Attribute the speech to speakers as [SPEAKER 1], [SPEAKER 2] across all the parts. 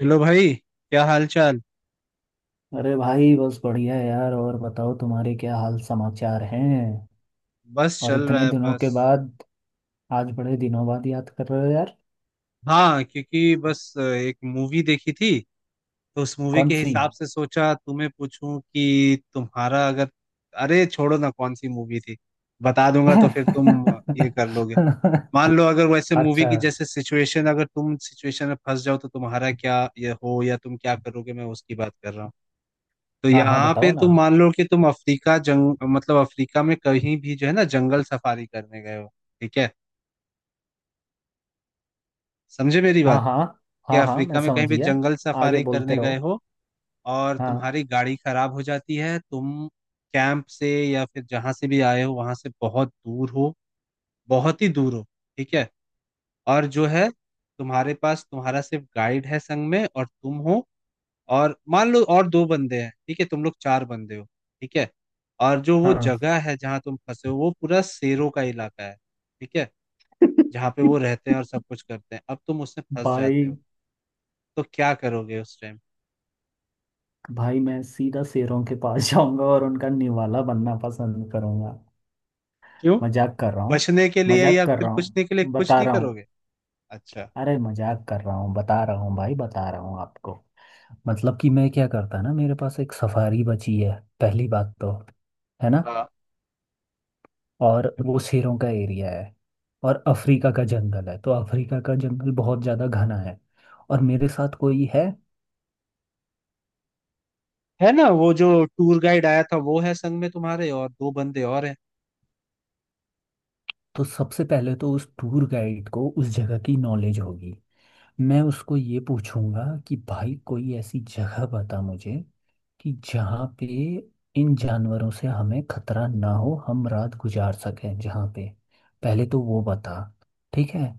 [SPEAKER 1] Hello भाई। क्या हाल चाल।
[SPEAKER 2] अरे भाई बस बढ़िया है यार। और बताओ तुम्हारे क्या हाल समाचार हैं।
[SPEAKER 1] बस
[SPEAKER 2] और
[SPEAKER 1] चल रहा
[SPEAKER 2] इतने
[SPEAKER 1] है
[SPEAKER 2] दिनों के
[SPEAKER 1] बस।
[SPEAKER 2] बाद आज बड़े दिनों बाद याद कर रहे हो यार।
[SPEAKER 1] हाँ क्योंकि बस एक मूवी देखी थी। तो उस मूवी
[SPEAKER 2] कौन
[SPEAKER 1] के
[SPEAKER 2] सी।
[SPEAKER 1] हिसाब से सोचा तुम्हें पूछूं कि तुम्हारा अगर। अरे छोड़ो ना कौन सी मूवी थी। बता दूंगा तो फिर तुम ये कर लोगे। मान लो अगर वैसे मूवी
[SPEAKER 2] अच्छा।
[SPEAKER 1] की जैसे सिचुएशन अगर तुम सिचुएशन में फंस जाओ तो तुम्हारा क्या ये हो या तुम क्या करोगे, मैं उसकी बात कर रहा हूँ। तो
[SPEAKER 2] हाँ हाँ
[SPEAKER 1] यहाँ पे
[SPEAKER 2] बताओ ना।
[SPEAKER 1] तुम मान लो कि तुम अफ्रीका जंग मतलब अफ्रीका में कहीं भी जो है ना जंगल सफारी करने गए हो। ठीक है, समझे मेरी
[SPEAKER 2] हाँ
[SPEAKER 1] बात।
[SPEAKER 2] हाँ।
[SPEAKER 1] कि
[SPEAKER 2] हाँ हाँ मैं
[SPEAKER 1] अफ्रीका में
[SPEAKER 2] समझ
[SPEAKER 1] कहीं भी
[SPEAKER 2] गया।
[SPEAKER 1] जंगल
[SPEAKER 2] आगे
[SPEAKER 1] सफारी
[SPEAKER 2] बोलते
[SPEAKER 1] करने
[SPEAKER 2] रहो।
[SPEAKER 1] गए हो और
[SPEAKER 2] हाँ।
[SPEAKER 1] तुम्हारी गाड़ी खराब हो जाती है। तुम कैंप से या फिर जहां से भी आए हो वहां से बहुत दूर हो, बहुत ही दूर हो। ठीक है। और जो है, तुम्हारे पास तुम्हारा सिर्फ गाइड है संग में और तुम हो। और मान लो और दो बंदे हैं, ठीक है, तुम लोग चार बंदे हो। ठीक है। और जो वो
[SPEAKER 2] हाँ।
[SPEAKER 1] जगह है जहां तुम फंसे हो वो पूरा शेरों का इलाका है। ठीक है। जहाँ पे वो रहते हैं और सब कुछ करते हैं, अब तुम उसमें फंस
[SPEAKER 2] भाई।
[SPEAKER 1] जाते हो। तो क्या करोगे उस टाइम।
[SPEAKER 2] भाई मैं सीधा शेरों के पास जाऊंगा और उनका निवाला बनना पसंद करूंगा।
[SPEAKER 1] क्यों,
[SPEAKER 2] मजाक कर रहा हूँ।
[SPEAKER 1] बचने के लिए
[SPEAKER 2] मजाक
[SPEAKER 1] या
[SPEAKER 2] कर
[SPEAKER 1] फिर
[SPEAKER 2] रहा हूँ
[SPEAKER 1] पूछने के लिए कुछ
[SPEAKER 2] बता
[SPEAKER 1] नहीं
[SPEAKER 2] रहा हूँ।
[SPEAKER 1] करोगे? अच्छा।
[SPEAKER 2] अरे मजाक कर रहा हूँ बता रहा हूँ भाई बता रहा हूँ आपको। मतलब कि मैं क्या करता ना, मेरे पास एक सफारी बची है। पहली बात तो, है ना।
[SPEAKER 1] हाँ,
[SPEAKER 2] और वो शेरों का एरिया है। और अफ्रीका का जंगल है, तो अफ्रीका का जंगल बहुत ज़्यादा घना है। और मेरे साथ कोई है।
[SPEAKER 1] है ना, वो जो टूर गाइड आया था वो है संग में तुम्हारे और दो बंदे और हैं।
[SPEAKER 2] तो सबसे पहले तो उस टूर गाइड को उस जगह की नॉलेज होगी। मैं उसको ये पूछूंगा कि भाई कोई ऐसी जगह बता मुझे, कि जहाँ पे इन जानवरों से हमें खतरा ना हो, हम रात गुजार सकें जहाँ पे। पहले तो वो बता। ठीक है।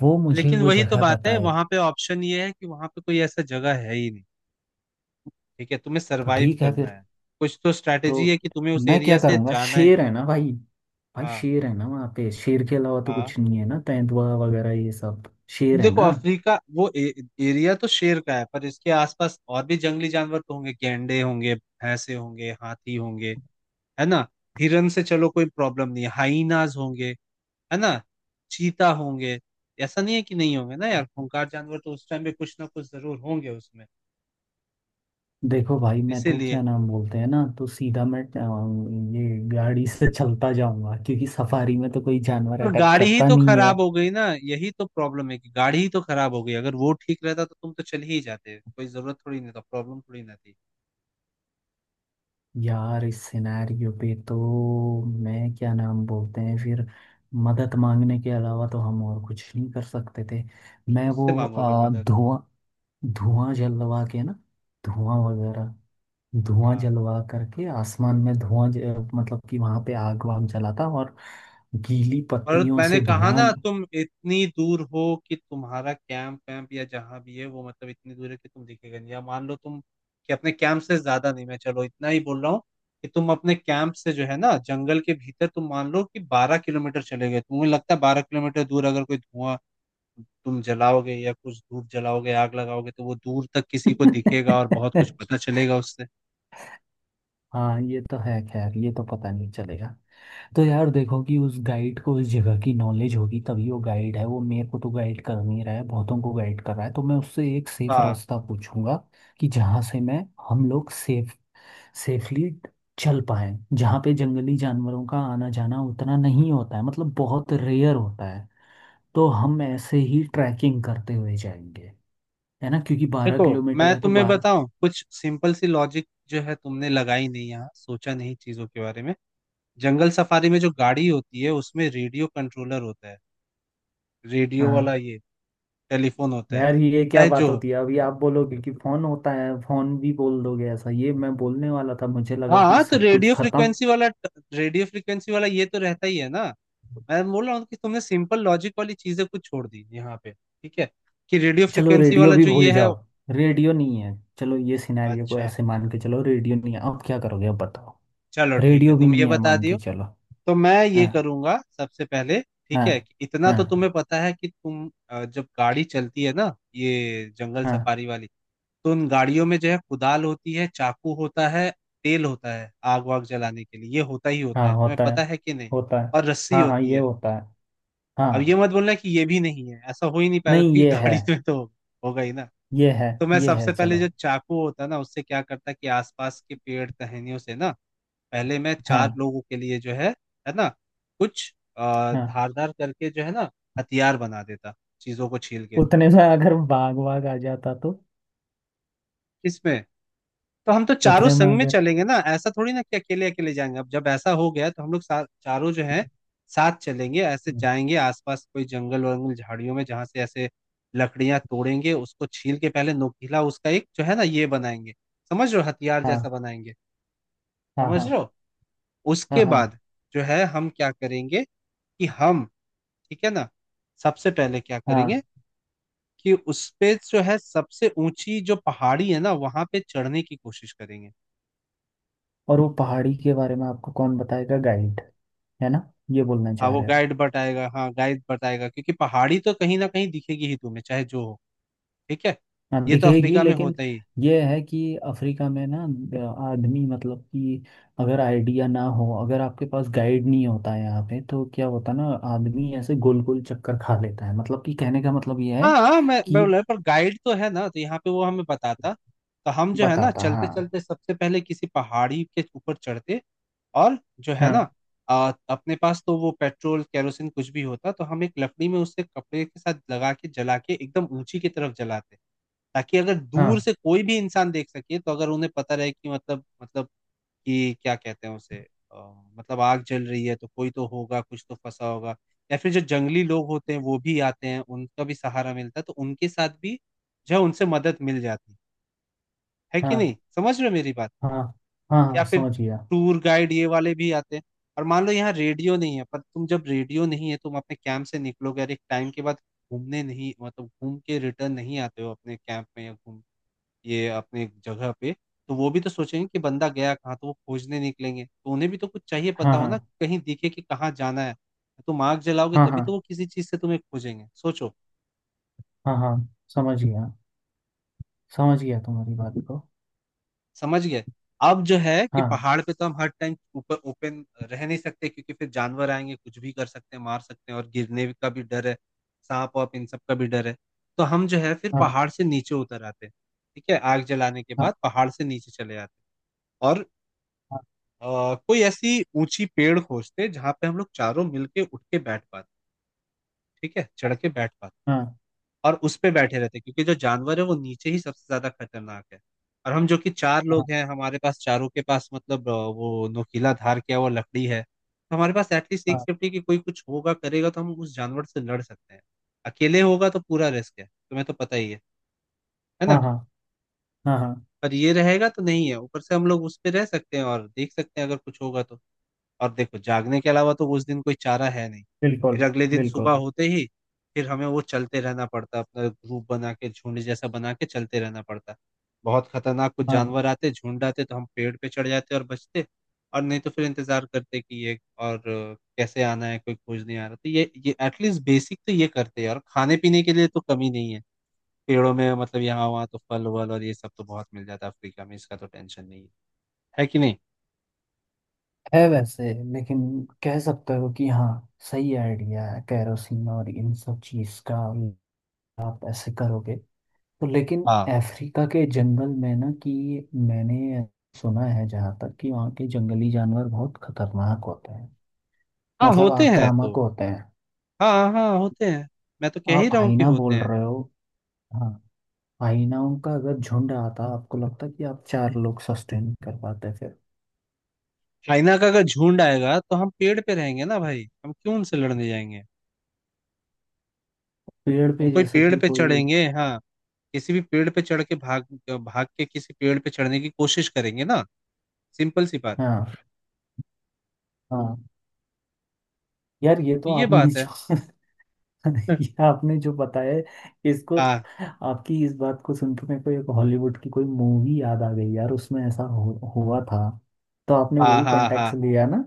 [SPEAKER 2] वो मुझे
[SPEAKER 1] लेकिन
[SPEAKER 2] वो
[SPEAKER 1] वही तो
[SPEAKER 2] जगह
[SPEAKER 1] बात है,
[SPEAKER 2] बताए।
[SPEAKER 1] वहां पे ऑप्शन ये है कि वहां पे कोई ऐसा जगह है ही नहीं। ठीक है, तुम्हें
[SPEAKER 2] तो
[SPEAKER 1] सरवाइव
[SPEAKER 2] ठीक है
[SPEAKER 1] करना
[SPEAKER 2] फिर।
[SPEAKER 1] है। कुछ तो स्ट्रैटेजी है
[SPEAKER 2] तो
[SPEAKER 1] कि तुम्हें उस
[SPEAKER 2] मैं
[SPEAKER 1] एरिया
[SPEAKER 2] क्या
[SPEAKER 1] से
[SPEAKER 2] करूँगा,
[SPEAKER 1] जाना है।
[SPEAKER 2] शेर है ना भाई। भाई
[SPEAKER 1] हाँ
[SPEAKER 2] शेर है ना, वहाँ पे शेर के अलावा तो
[SPEAKER 1] हाँ।
[SPEAKER 2] कुछ नहीं है ना, तेंदुआ वगैरह ये सब। शेर है
[SPEAKER 1] देखो
[SPEAKER 2] ना।
[SPEAKER 1] अफ्रीका वो एरिया तो शेर का है पर इसके आसपास और भी जंगली जानवर तो होंगे, गैंडे होंगे, भैंसे होंगे, हाथी होंगे। है ना। हिरन से चलो कोई प्रॉब्लम नहीं है, हाइनाज होंगे। है ना। चीता होंगे। ऐसा नहीं है कि नहीं होंगे ना यार, खूंखार जानवर तो उस टाइम पे कुछ ना कुछ जरूर होंगे उसमें।
[SPEAKER 2] देखो भाई मैं तो
[SPEAKER 1] इसीलिए
[SPEAKER 2] क्या नाम बोलते हैं ना, तो सीधा मैं ये गाड़ी से चलता जाऊंगा क्योंकि सफारी में तो कोई जानवर
[SPEAKER 1] पर
[SPEAKER 2] अटैक
[SPEAKER 1] गाड़ी ही
[SPEAKER 2] करता
[SPEAKER 1] तो
[SPEAKER 2] नहीं है।
[SPEAKER 1] खराब हो गई ना, यही तो प्रॉब्लम है कि गाड़ी ही तो खराब हो गई। अगर वो ठीक रहता तो तुम तो चल ही जाते, कोई जरूरत थोड़ी नहीं था, प्रॉब्लम थोड़ी ना थी।
[SPEAKER 2] यार इस सिनेरियो पे तो मैं क्या नाम बोलते हैं फिर मदद मांगने के अलावा तो हम और कुछ नहीं कर सकते थे।
[SPEAKER 1] फिर
[SPEAKER 2] मैं
[SPEAKER 1] किससे
[SPEAKER 2] वो
[SPEAKER 1] मांगोगे मदद।
[SPEAKER 2] धुआं, धुआं जलवा के ना। धुआं वगैरह। धुआं
[SPEAKER 1] हाँ।
[SPEAKER 2] जलवा करके आसमान में धुआं मतलब कि वहां पे आग वाग जलाता, और गीली
[SPEAKER 1] और
[SPEAKER 2] पत्तियों
[SPEAKER 1] मैंने
[SPEAKER 2] से
[SPEAKER 1] कहा
[SPEAKER 2] धुआं।
[SPEAKER 1] ना तुम इतनी दूर हो कि तुम्हारा कैंप वैम्प या जहां भी है वो मतलब इतनी दूर है कि तुम दिखेगा नहीं। या मान लो तुम कि अपने कैंप से ज्यादा नहीं, मैं चलो इतना ही बोल रहा हूँ कि तुम अपने कैंप से जो है ना जंगल के भीतर तुम मान लो कि 12 किलोमीटर चले गए। तुम्हें लगता है 12 किलोमीटर दूर अगर कोई धुआं तुम जलाओगे या कुछ धूप जलाओगे, आग लगाओगे, तो वो दूर तक किसी को दिखेगा और बहुत कुछ पता चलेगा उससे।
[SPEAKER 2] हाँ ये तो है, खैर ये तो पता नहीं चलेगा। तो यार देखो कि उस गाइड को उस जगह की नॉलेज होगी, तभी वो गाइड है। वो मेरे को तो गाइड कर नहीं रहा है, बहुतों को गाइड कर रहा है। तो मैं उससे एक सेफ
[SPEAKER 1] हाँ।
[SPEAKER 2] रास्ता पूछूंगा, कि जहाँ से मैं, हम लोग सेफ, सेफली चल पाए, जहाँ पे जंगली जानवरों का आना जाना उतना नहीं होता है, मतलब बहुत रेयर होता है। तो हम ऐसे ही ट्रैकिंग करते हुए जाएंगे। है ना, क्योंकि बारह
[SPEAKER 1] देखो
[SPEAKER 2] किलोमीटर
[SPEAKER 1] मैं
[SPEAKER 2] है तो
[SPEAKER 1] तुम्हें
[SPEAKER 2] 12।
[SPEAKER 1] बताऊं कुछ सिंपल सी लॉजिक जो है तुमने लगाई नहीं, यहाँ सोचा नहीं चीजों के बारे में। जंगल सफारी में जो गाड़ी होती है उसमें रेडियो कंट्रोलर होता है, रेडियो वाला
[SPEAKER 2] हाँ।
[SPEAKER 1] ये टेलीफोन होता है।
[SPEAKER 2] यार ये क्या
[SPEAKER 1] चाहे
[SPEAKER 2] बात
[SPEAKER 1] जो
[SPEAKER 2] होती है, अभी आप बोलोगे कि फोन होता है, फोन भी बोल दोगे ऐसा, ये मैं बोलने वाला था, मुझे
[SPEAKER 1] हो,
[SPEAKER 2] लगा कि
[SPEAKER 1] हाँ, तो
[SPEAKER 2] सब कुछ
[SPEAKER 1] रेडियो
[SPEAKER 2] खत्म।
[SPEAKER 1] फ्रिक्वेंसी वाला, रेडियो फ्रिक्वेंसी वाला ये तो रहता ही है ना। मैं बोल रहा हूँ कि तुमने सिंपल लॉजिक वाली चीजें कुछ छोड़ दी यहाँ पे। ठीक है कि रेडियो
[SPEAKER 2] चलो
[SPEAKER 1] फ्रिक्वेंसी
[SPEAKER 2] रेडियो
[SPEAKER 1] वाला
[SPEAKER 2] भी
[SPEAKER 1] जो
[SPEAKER 2] भूल
[SPEAKER 1] ये है।
[SPEAKER 2] जाओ, रेडियो नहीं है। चलो ये सिनेरियो को
[SPEAKER 1] अच्छा,
[SPEAKER 2] ऐसे मान के चलो, रेडियो नहीं है, अब क्या करोगे, अब बताओ।
[SPEAKER 1] चलो ठीक है,
[SPEAKER 2] रेडियो भी
[SPEAKER 1] तुम ये
[SPEAKER 2] नहीं है
[SPEAKER 1] बता
[SPEAKER 2] मान
[SPEAKER 1] दियो।
[SPEAKER 2] के चलो।
[SPEAKER 1] तो मैं ये
[SPEAKER 2] हाँ।
[SPEAKER 1] करूंगा सबसे पहले, ठीक
[SPEAKER 2] हाँ।
[SPEAKER 1] है, कि इतना तो
[SPEAKER 2] हाँ।
[SPEAKER 1] तुम्हें पता है कि तुम जब गाड़ी चलती है ना ये जंगल
[SPEAKER 2] हाँ।
[SPEAKER 1] सफारी वाली, तो उन गाड़ियों में जो है कुदाल होती है, चाकू होता है, तेल होता है आग वाग जलाने के लिए, ये होता ही होता
[SPEAKER 2] हाँ
[SPEAKER 1] है, तुम्हें
[SPEAKER 2] होता है।
[SPEAKER 1] पता है कि नहीं।
[SPEAKER 2] होता है।
[SPEAKER 1] और रस्सी
[SPEAKER 2] हाँ हाँ
[SPEAKER 1] होती
[SPEAKER 2] ये
[SPEAKER 1] है।
[SPEAKER 2] होता है।
[SPEAKER 1] अब ये
[SPEAKER 2] हाँ।
[SPEAKER 1] मत बोलना कि ये भी नहीं है, ऐसा हो ही नहीं पाएगा
[SPEAKER 2] नहीं
[SPEAKER 1] क्योंकि
[SPEAKER 2] ये है।
[SPEAKER 1] गाड़ी में तो होगा ही ना।
[SPEAKER 2] ये है।
[SPEAKER 1] तो मैं
[SPEAKER 2] ये है
[SPEAKER 1] सबसे पहले
[SPEAKER 2] चलो।
[SPEAKER 1] जो चाकू होता है ना उससे क्या करता कि आसपास के पेड़ टहनियों से ना, पहले मैं चार
[SPEAKER 2] हाँ।
[SPEAKER 1] लोगों के लिए जो है ना, कुछ
[SPEAKER 2] हाँ
[SPEAKER 1] धारदार करके जो है ना हथियार बना देता, चीजों को छील के।
[SPEAKER 2] उतने में अगर बाग बाग आ जाता तो।
[SPEAKER 1] इसमें, तो हम तो चारों
[SPEAKER 2] उतने में
[SPEAKER 1] संग में
[SPEAKER 2] अगर।
[SPEAKER 1] चलेंगे ना, ऐसा थोड़ी ना कि अकेले अकेले जाएंगे। अब जब ऐसा हो गया तो हम लोग चारों जो है साथ चलेंगे, ऐसे जाएंगे आसपास कोई जंगल वंगल झाड़ियों में जहां से ऐसे लकड़ियां तोड़ेंगे, उसको छील के पहले नोकीला उसका एक जो है ना ये बनाएंगे। समझ रहे हो, हथियार
[SPEAKER 2] हाँ
[SPEAKER 1] जैसा बनाएंगे।
[SPEAKER 2] हाँ।
[SPEAKER 1] समझ रहे
[SPEAKER 2] हाँ
[SPEAKER 1] हो,
[SPEAKER 2] हाँ।
[SPEAKER 1] उसके
[SPEAKER 2] हाँ।
[SPEAKER 1] बाद जो है हम क्या करेंगे, कि हम, ठीक है ना, सबसे पहले क्या करेंगे
[SPEAKER 2] हाँ।
[SPEAKER 1] कि उस पे जो है सबसे ऊंची जो पहाड़ी है ना वहां पे चढ़ने की कोशिश करेंगे।
[SPEAKER 2] और वो पहाड़ी के बारे में आपको कौन बताएगा, गाइड। है ना, ये बोलना
[SPEAKER 1] हाँ
[SPEAKER 2] चाह
[SPEAKER 1] वो
[SPEAKER 2] रहे हो।
[SPEAKER 1] गाइड बताएगा, हाँ गाइड बताएगा क्योंकि पहाड़ी तो कहीं ना कहीं दिखेगी ही तुम्हें चाहे जो हो। ठीक है,
[SPEAKER 2] हाँ
[SPEAKER 1] ये तो
[SPEAKER 2] दिखेगी
[SPEAKER 1] अफ्रीका में
[SPEAKER 2] लेकिन।
[SPEAKER 1] होता ही।
[SPEAKER 2] ये है कि अफ्रीका में ना, आदमी मतलब कि, अगर आइडिया ना हो, अगर आपके पास गाइड नहीं होता है यहाँ पे, तो क्या होता है ना, आदमी ऐसे गोल गोल चक्कर खा लेता है, मतलब कि कहने का मतलब ये
[SPEAKER 1] हाँ
[SPEAKER 2] है
[SPEAKER 1] हाँ, मैं
[SPEAKER 2] कि
[SPEAKER 1] बोला पर गाइड तो है ना, तो यहाँ पे वो हमें बताता। तो हम जो है ना
[SPEAKER 2] बताता।
[SPEAKER 1] चलते
[SPEAKER 2] हाँ।
[SPEAKER 1] चलते सबसे पहले किसी पहाड़ी के ऊपर चढ़ते और जो है ना
[SPEAKER 2] हाँ।
[SPEAKER 1] अपने पास तो वो पेट्रोल केरोसिन कुछ भी होता तो हम एक लकड़ी में उससे कपड़े के साथ लगा के जला के एकदम ऊंची की तरफ जलाते, ताकि अगर
[SPEAKER 2] हाँ।
[SPEAKER 1] दूर से कोई भी इंसान देख सके तो अगर उन्हें पता रहे कि मतलब कि क्या कहते हैं उसे, अ, मतलब आग जल रही है तो कोई तो होगा, कुछ तो फंसा होगा। या फिर जो जंगली लोग होते हैं वो भी आते हैं, उनका भी सहारा मिलता है, तो उनके साथ भी जो है उनसे मदद मिल जाती है। है कि
[SPEAKER 2] हाँ।
[SPEAKER 1] नहीं, समझ रहे हो मेरी बात।
[SPEAKER 2] हाँ। हाँ।
[SPEAKER 1] या
[SPEAKER 2] हाँ
[SPEAKER 1] फिर
[SPEAKER 2] समझ गया।
[SPEAKER 1] टूर गाइड ये वाले भी आते हैं। और मान लो यहाँ रेडियो नहीं है पर तुम जब रेडियो नहीं है तुम अपने कैंप से निकलोगे और एक टाइम के बाद घूमने नहीं, मतलब घूम के रिटर्न नहीं आते हो अपने कैंप में या घूम, ये अपने जगह पे, तो वो भी तो सोचेंगे कि बंदा गया कहाँ? तो वो खोजने निकलेंगे, तो उन्हें भी तो कुछ चाहिए पता
[SPEAKER 2] हाँ।
[SPEAKER 1] हो
[SPEAKER 2] हाँ।
[SPEAKER 1] ना, कहीं दिखे कि कहाँ जाना है। तुम आग जलाओगे
[SPEAKER 2] हाँ।
[SPEAKER 1] तभी
[SPEAKER 2] हाँ।
[SPEAKER 1] तो वो किसी चीज़ से तुम्हें खोजेंगे, सोचो,
[SPEAKER 2] हाँ। हाँ समझ गया। समझ गया तुम्हारी बात को।
[SPEAKER 1] समझ गए? अब जो है कि
[SPEAKER 2] हाँ।
[SPEAKER 1] पहाड़ पे तो हम हर टाइम ऊपर ओपन रह नहीं सकते क्योंकि फिर जानवर आएँगे, कुछ भी कर सकते हैं, मार सकते हैं और गिरने का भी डर है, साँप-वाँप इन सब का भी डर है। तो हम जो है फिर
[SPEAKER 2] हाँ।
[SPEAKER 1] पहाड़ से नीचे उतर आते हैं, ठीक है? आग जलाने के
[SPEAKER 2] हाँ।
[SPEAKER 1] बाद पहाड़ से नीचे चले आते हैं और
[SPEAKER 2] हाँ।
[SPEAKER 1] कोई ऐसी ऊंची पेड़ खोजते जहां पे हम लोग चारों मिलके उठ के बैठ पाते, ठीक है, चढ़ के बैठ पाते।
[SPEAKER 2] हाँ।
[SPEAKER 1] और उस पे बैठे रहते क्योंकि जो जानवर है वो नीचे ही सबसे ज्यादा खतरनाक है। और हम जो कि चार
[SPEAKER 2] हाँ।
[SPEAKER 1] लोग हैं हमारे पास चारों के पास मतलब वो नोकीला धार किया हुआ लकड़ी है, तो हमारे पास एटलीस्ट एक
[SPEAKER 2] हाँ।
[SPEAKER 1] सेफ्टी की कोई कुछ होगा, करेगा तो हम उस जानवर से लड़ सकते हैं। अकेले होगा तो पूरा रिस्क है, तुम्हें तो पता ही है। है ना।
[SPEAKER 2] हाँ। हाँ। हाँ। हाँ,
[SPEAKER 1] पर ये रहेगा तो नहीं है, ऊपर से हम लोग उस पे रह सकते हैं और देख सकते हैं अगर कुछ होगा तो। और देखो जागने के अलावा तो उस दिन कोई चारा है नहीं।
[SPEAKER 2] बिल्कुल
[SPEAKER 1] फिर अगले दिन
[SPEAKER 2] बिल्कुल।
[SPEAKER 1] सुबह होते ही फिर हमें वो चलते रहना पड़ता, अपना ग्रुप बना के झुंड जैसा बना के चलते रहना पड़ता। बहुत खतरनाक कुछ
[SPEAKER 2] हाँ
[SPEAKER 1] जानवर आते, झुंड आते तो हम पेड़ पे चढ़ जाते और बचते। और नहीं तो फिर इंतजार करते कि ये और कैसे आना है कोई खोज नहीं आ रहा, तो ये एटलीस्ट बेसिक तो ये करते हैं। और खाने पीने के लिए तो कमी नहीं है, पेड़ों में मतलब यहाँ वहाँ तो फल वल और ये सब तो बहुत मिल जाता है अफ्रीका में, इसका तो टेंशन नहीं है। है कि नहीं।
[SPEAKER 2] है वैसे। लेकिन कह सकते हो कि हाँ, सही आइडिया है, कैरोसिन और इन सब चीज़ का। आप ऐसे करोगे तो, लेकिन
[SPEAKER 1] हाँ
[SPEAKER 2] अफ्रीका के जंगल में ना कि, मैंने सुना है जहाँ तक कि वहाँ के जंगली जानवर बहुत खतरनाक होते हैं,
[SPEAKER 1] हाँ
[SPEAKER 2] मतलब
[SPEAKER 1] होते हैं
[SPEAKER 2] आक्रामक
[SPEAKER 1] तो।
[SPEAKER 2] होते हैं।
[SPEAKER 1] हाँ हाँ होते हैं, मैं तो कह ही
[SPEAKER 2] आप
[SPEAKER 1] रहा हूँ कि
[SPEAKER 2] हाइना
[SPEAKER 1] होते
[SPEAKER 2] बोल
[SPEAKER 1] हैं।
[SPEAKER 2] रहे हो। हाँ। हाइनाओं का अगर झुंड आता, आपको लगता कि आप चार लोग सस्टेन कर पाते फिर।
[SPEAKER 1] चाइना का अगर झुंड आएगा तो हम पेड़ पे रहेंगे ना भाई, हम क्यों उनसे लड़ने जाएंगे।
[SPEAKER 2] पेड़
[SPEAKER 1] हम
[SPEAKER 2] पे
[SPEAKER 1] कोई
[SPEAKER 2] जैसा
[SPEAKER 1] पेड़
[SPEAKER 2] कि
[SPEAKER 1] पे
[SPEAKER 2] कोई।
[SPEAKER 1] चढ़ेंगे हाँ, किसी भी पेड़ पे चढ़ के भाग, भाग के किसी पेड़ पे चढ़ने की कोशिश करेंगे ना। सिंपल सी बात।
[SPEAKER 2] हाँ। हाँ। यार ये तो
[SPEAKER 1] ये
[SPEAKER 2] आपने
[SPEAKER 1] बात है।
[SPEAKER 2] जो ये आपने जो बताया है, इसको,
[SPEAKER 1] हाँ
[SPEAKER 2] आपकी इस बात को सुन के मेरे को एक हॉलीवुड की कोई मूवी याद आ गई यार, उसमें ऐसा हुआ था। तो आपने
[SPEAKER 1] हाँ
[SPEAKER 2] वही
[SPEAKER 1] हाँ।
[SPEAKER 2] कॉन्टेक्ट
[SPEAKER 1] हाँ
[SPEAKER 2] लिया ना।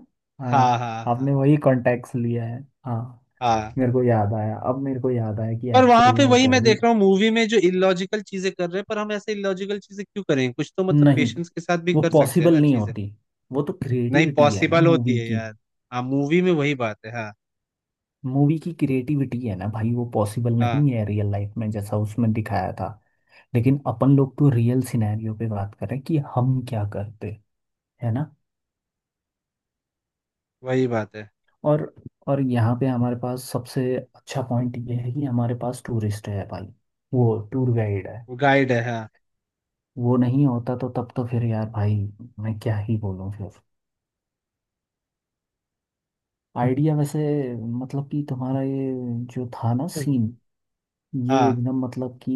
[SPEAKER 1] हाँ
[SPEAKER 2] हाँ।
[SPEAKER 1] हाँ। हाँ।
[SPEAKER 2] आपने वही कॉन्टेक्ट लिया है। हाँ।
[SPEAKER 1] हाँ।
[SPEAKER 2] मेरे को याद आया, अब मेरे को याद आया कि
[SPEAKER 1] पर वहां
[SPEAKER 2] एक्चुअल में
[SPEAKER 1] पे
[SPEAKER 2] वो
[SPEAKER 1] वही
[SPEAKER 2] क्या।
[SPEAKER 1] मैं देख रहा हूँ मूवी में जो इलॉजिकल चीजें कर रहे हैं, पर हम ऐसे इलॉजिकल चीजें क्यों करें, कुछ तो मतलब
[SPEAKER 2] नहीं,
[SPEAKER 1] पेशेंस के साथ भी
[SPEAKER 2] वो
[SPEAKER 1] कर सकते हैं
[SPEAKER 2] पॉसिबल
[SPEAKER 1] ना
[SPEAKER 2] नहीं
[SPEAKER 1] चीजें।
[SPEAKER 2] होती। वो तो
[SPEAKER 1] नहीं
[SPEAKER 2] क्रिएटिविटी है ना
[SPEAKER 1] पॉसिबल होती
[SPEAKER 2] मूवी
[SPEAKER 1] है
[SPEAKER 2] की।
[SPEAKER 1] यार। हाँ मूवी में वही बात है हाँ।
[SPEAKER 2] मूवी की क्रिएटिविटी है ना भाई, वो पॉसिबल
[SPEAKER 1] हाँ
[SPEAKER 2] नहीं है रियल लाइफ में जैसा उसमें दिखाया था। लेकिन अपन लोग तो रियल सिनेरियो पे बात करें कि हम क्या करते, है ना।
[SPEAKER 1] वही बात है।
[SPEAKER 2] और और यहाँ पे हमारे पास सबसे अच्छा पॉइंट ये है कि हमारे पास टूरिस्ट है भाई, वो टूर गाइड है।
[SPEAKER 1] वो गाइड है हाँ।
[SPEAKER 2] वो नहीं होता तो तब तो फिर यार भाई मैं क्या ही बोलूँ फिर। आइडिया वैसे मतलब कि, तुम्हारा ये जो था ना
[SPEAKER 1] हम्म।
[SPEAKER 2] सीन, ये
[SPEAKER 1] हाँ।
[SPEAKER 2] एकदम मतलब कि,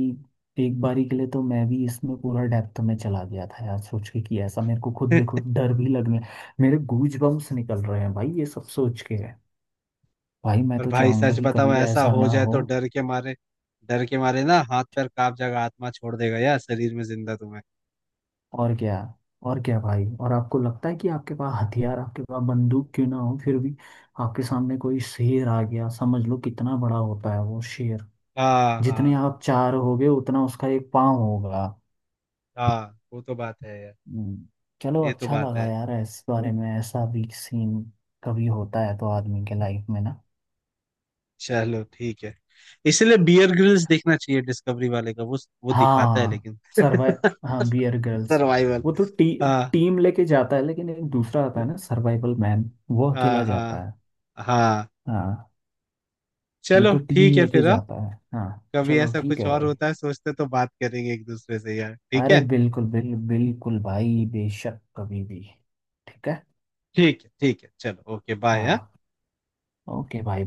[SPEAKER 2] एक बारी के लिए तो मैं भी इसमें पूरा डेप्थ में चला गया था यार, सोच के कि ऐसा, मेरे को खुद बेखुद डर भी लगने। मेरे गूज बम्स निकल रहे हैं भाई ये सब सोच के। भाई मैं
[SPEAKER 1] और
[SPEAKER 2] तो
[SPEAKER 1] भाई
[SPEAKER 2] चाहूंगा
[SPEAKER 1] सच
[SPEAKER 2] कि
[SPEAKER 1] बताओ
[SPEAKER 2] कभी
[SPEAKER 1] ऐसा
[SPEAKER 2] ऐसा
[SPEAKER 1] हो
[SPEAKER 2] ना
[SPEAKER 1] जाए
[SPEAKER 2] हो।
[SPEAKER 1] तो डर के मारे, डर के मारे ना हाथ पैर कांप जाएगा, आत्मा छोड़ देगा यार शरीर में, जिंदा तुम्हें।
[SPEAKER 2] और क्या। और क्या भाई, और आपको लगता है कि आपके पास हथियार, आपके पास बंदूक क्यों ना हो फिर भी, आपके सामने कोई शेर आ गया, समझ लो कितना बड़ा होता है वो शेर।
[SPEAKER 1] हाँ
[SPEAKER 2] जितने
[SPEAKER 1] हाँ।
[SPEAKER 2] आप चार होगे उतना उसका एक पाँव होगा।
[SPEAKER 1] हाँ वो तो बात है यार।
[SPEAKER 2] हम्म। चलो
[SPEAKER 1] ये तो
[SPEAKER 2] अच्छा
[SPEAKER 1] बात
[SPEAKER 2] लगा
[SPEAKER 1] है।
[SPEAKER 2] यार, इस बारे में ऐसा भी सीन कभी होता है तो आदमी के लाइफ में ना।
[SPEAKER 1] चलो ठीक है। इसलिए बियर ग्रिल्स देखना चाहिए, डिस्कवरी वाले का वो दिखाता है
[SPEAKER 2] हाँ।
[SPEAKER 1] लेकिन
[SPEAKER 2] सर्वाइव। हाँ बियर गर्ल्स।
[SPEAKER 1] सर्वाइवल।
[SPEAKER 2] वो तो
[SPEAKER 1] हाँ
[SPEAKER 2] टीम लेके जाता है, लेकिन एक दूसरा आता है ना सर्वाइवल मैन, वो
[SPEAKER 1] हाँ।
[SPEAKER 2] अकेला जाता
[SPEAKER 1] हाँ
[SPEAKER 2] है।
[SPEAKER 1] हाँ।
[SPEAKER 2] हाँ। ये
[SPEAKER 1] चलो
[SPEAKER 2] तो टीम
[SPEAKER 1] ठीक है
[SPEAKER 2] लेके
[SPEAKER 1] फिर हाँ?
[SPEAKER 2] जाता है हाँ।
[SPEAKER 1] कभी
[SPEAKER 2] चलो
[SPEAKER 1] ऐसा
[SPEAKER 2] ठीक
[SPEAKER 1] कुछ
[SPEAKER 2] है
[SPEAKER 1] और
[SPEAKER 2] भाई।
[SPEAKER 1] होता है सोचते तो बात करेंगे एक दूसरे से यार, ठीक
[SPEAKER 2] अरे
[SPEAKER 1] है।
[SPEAKER 2] बिल्कुल बिल्कुल बिल्कुल भाई, बेशक कभी भी। ठीक है।
[SPEAKER 1] ठीक है ठीक है, चलो ओके बाय।
[SPEAKER 2] हाँ। ओके भाई।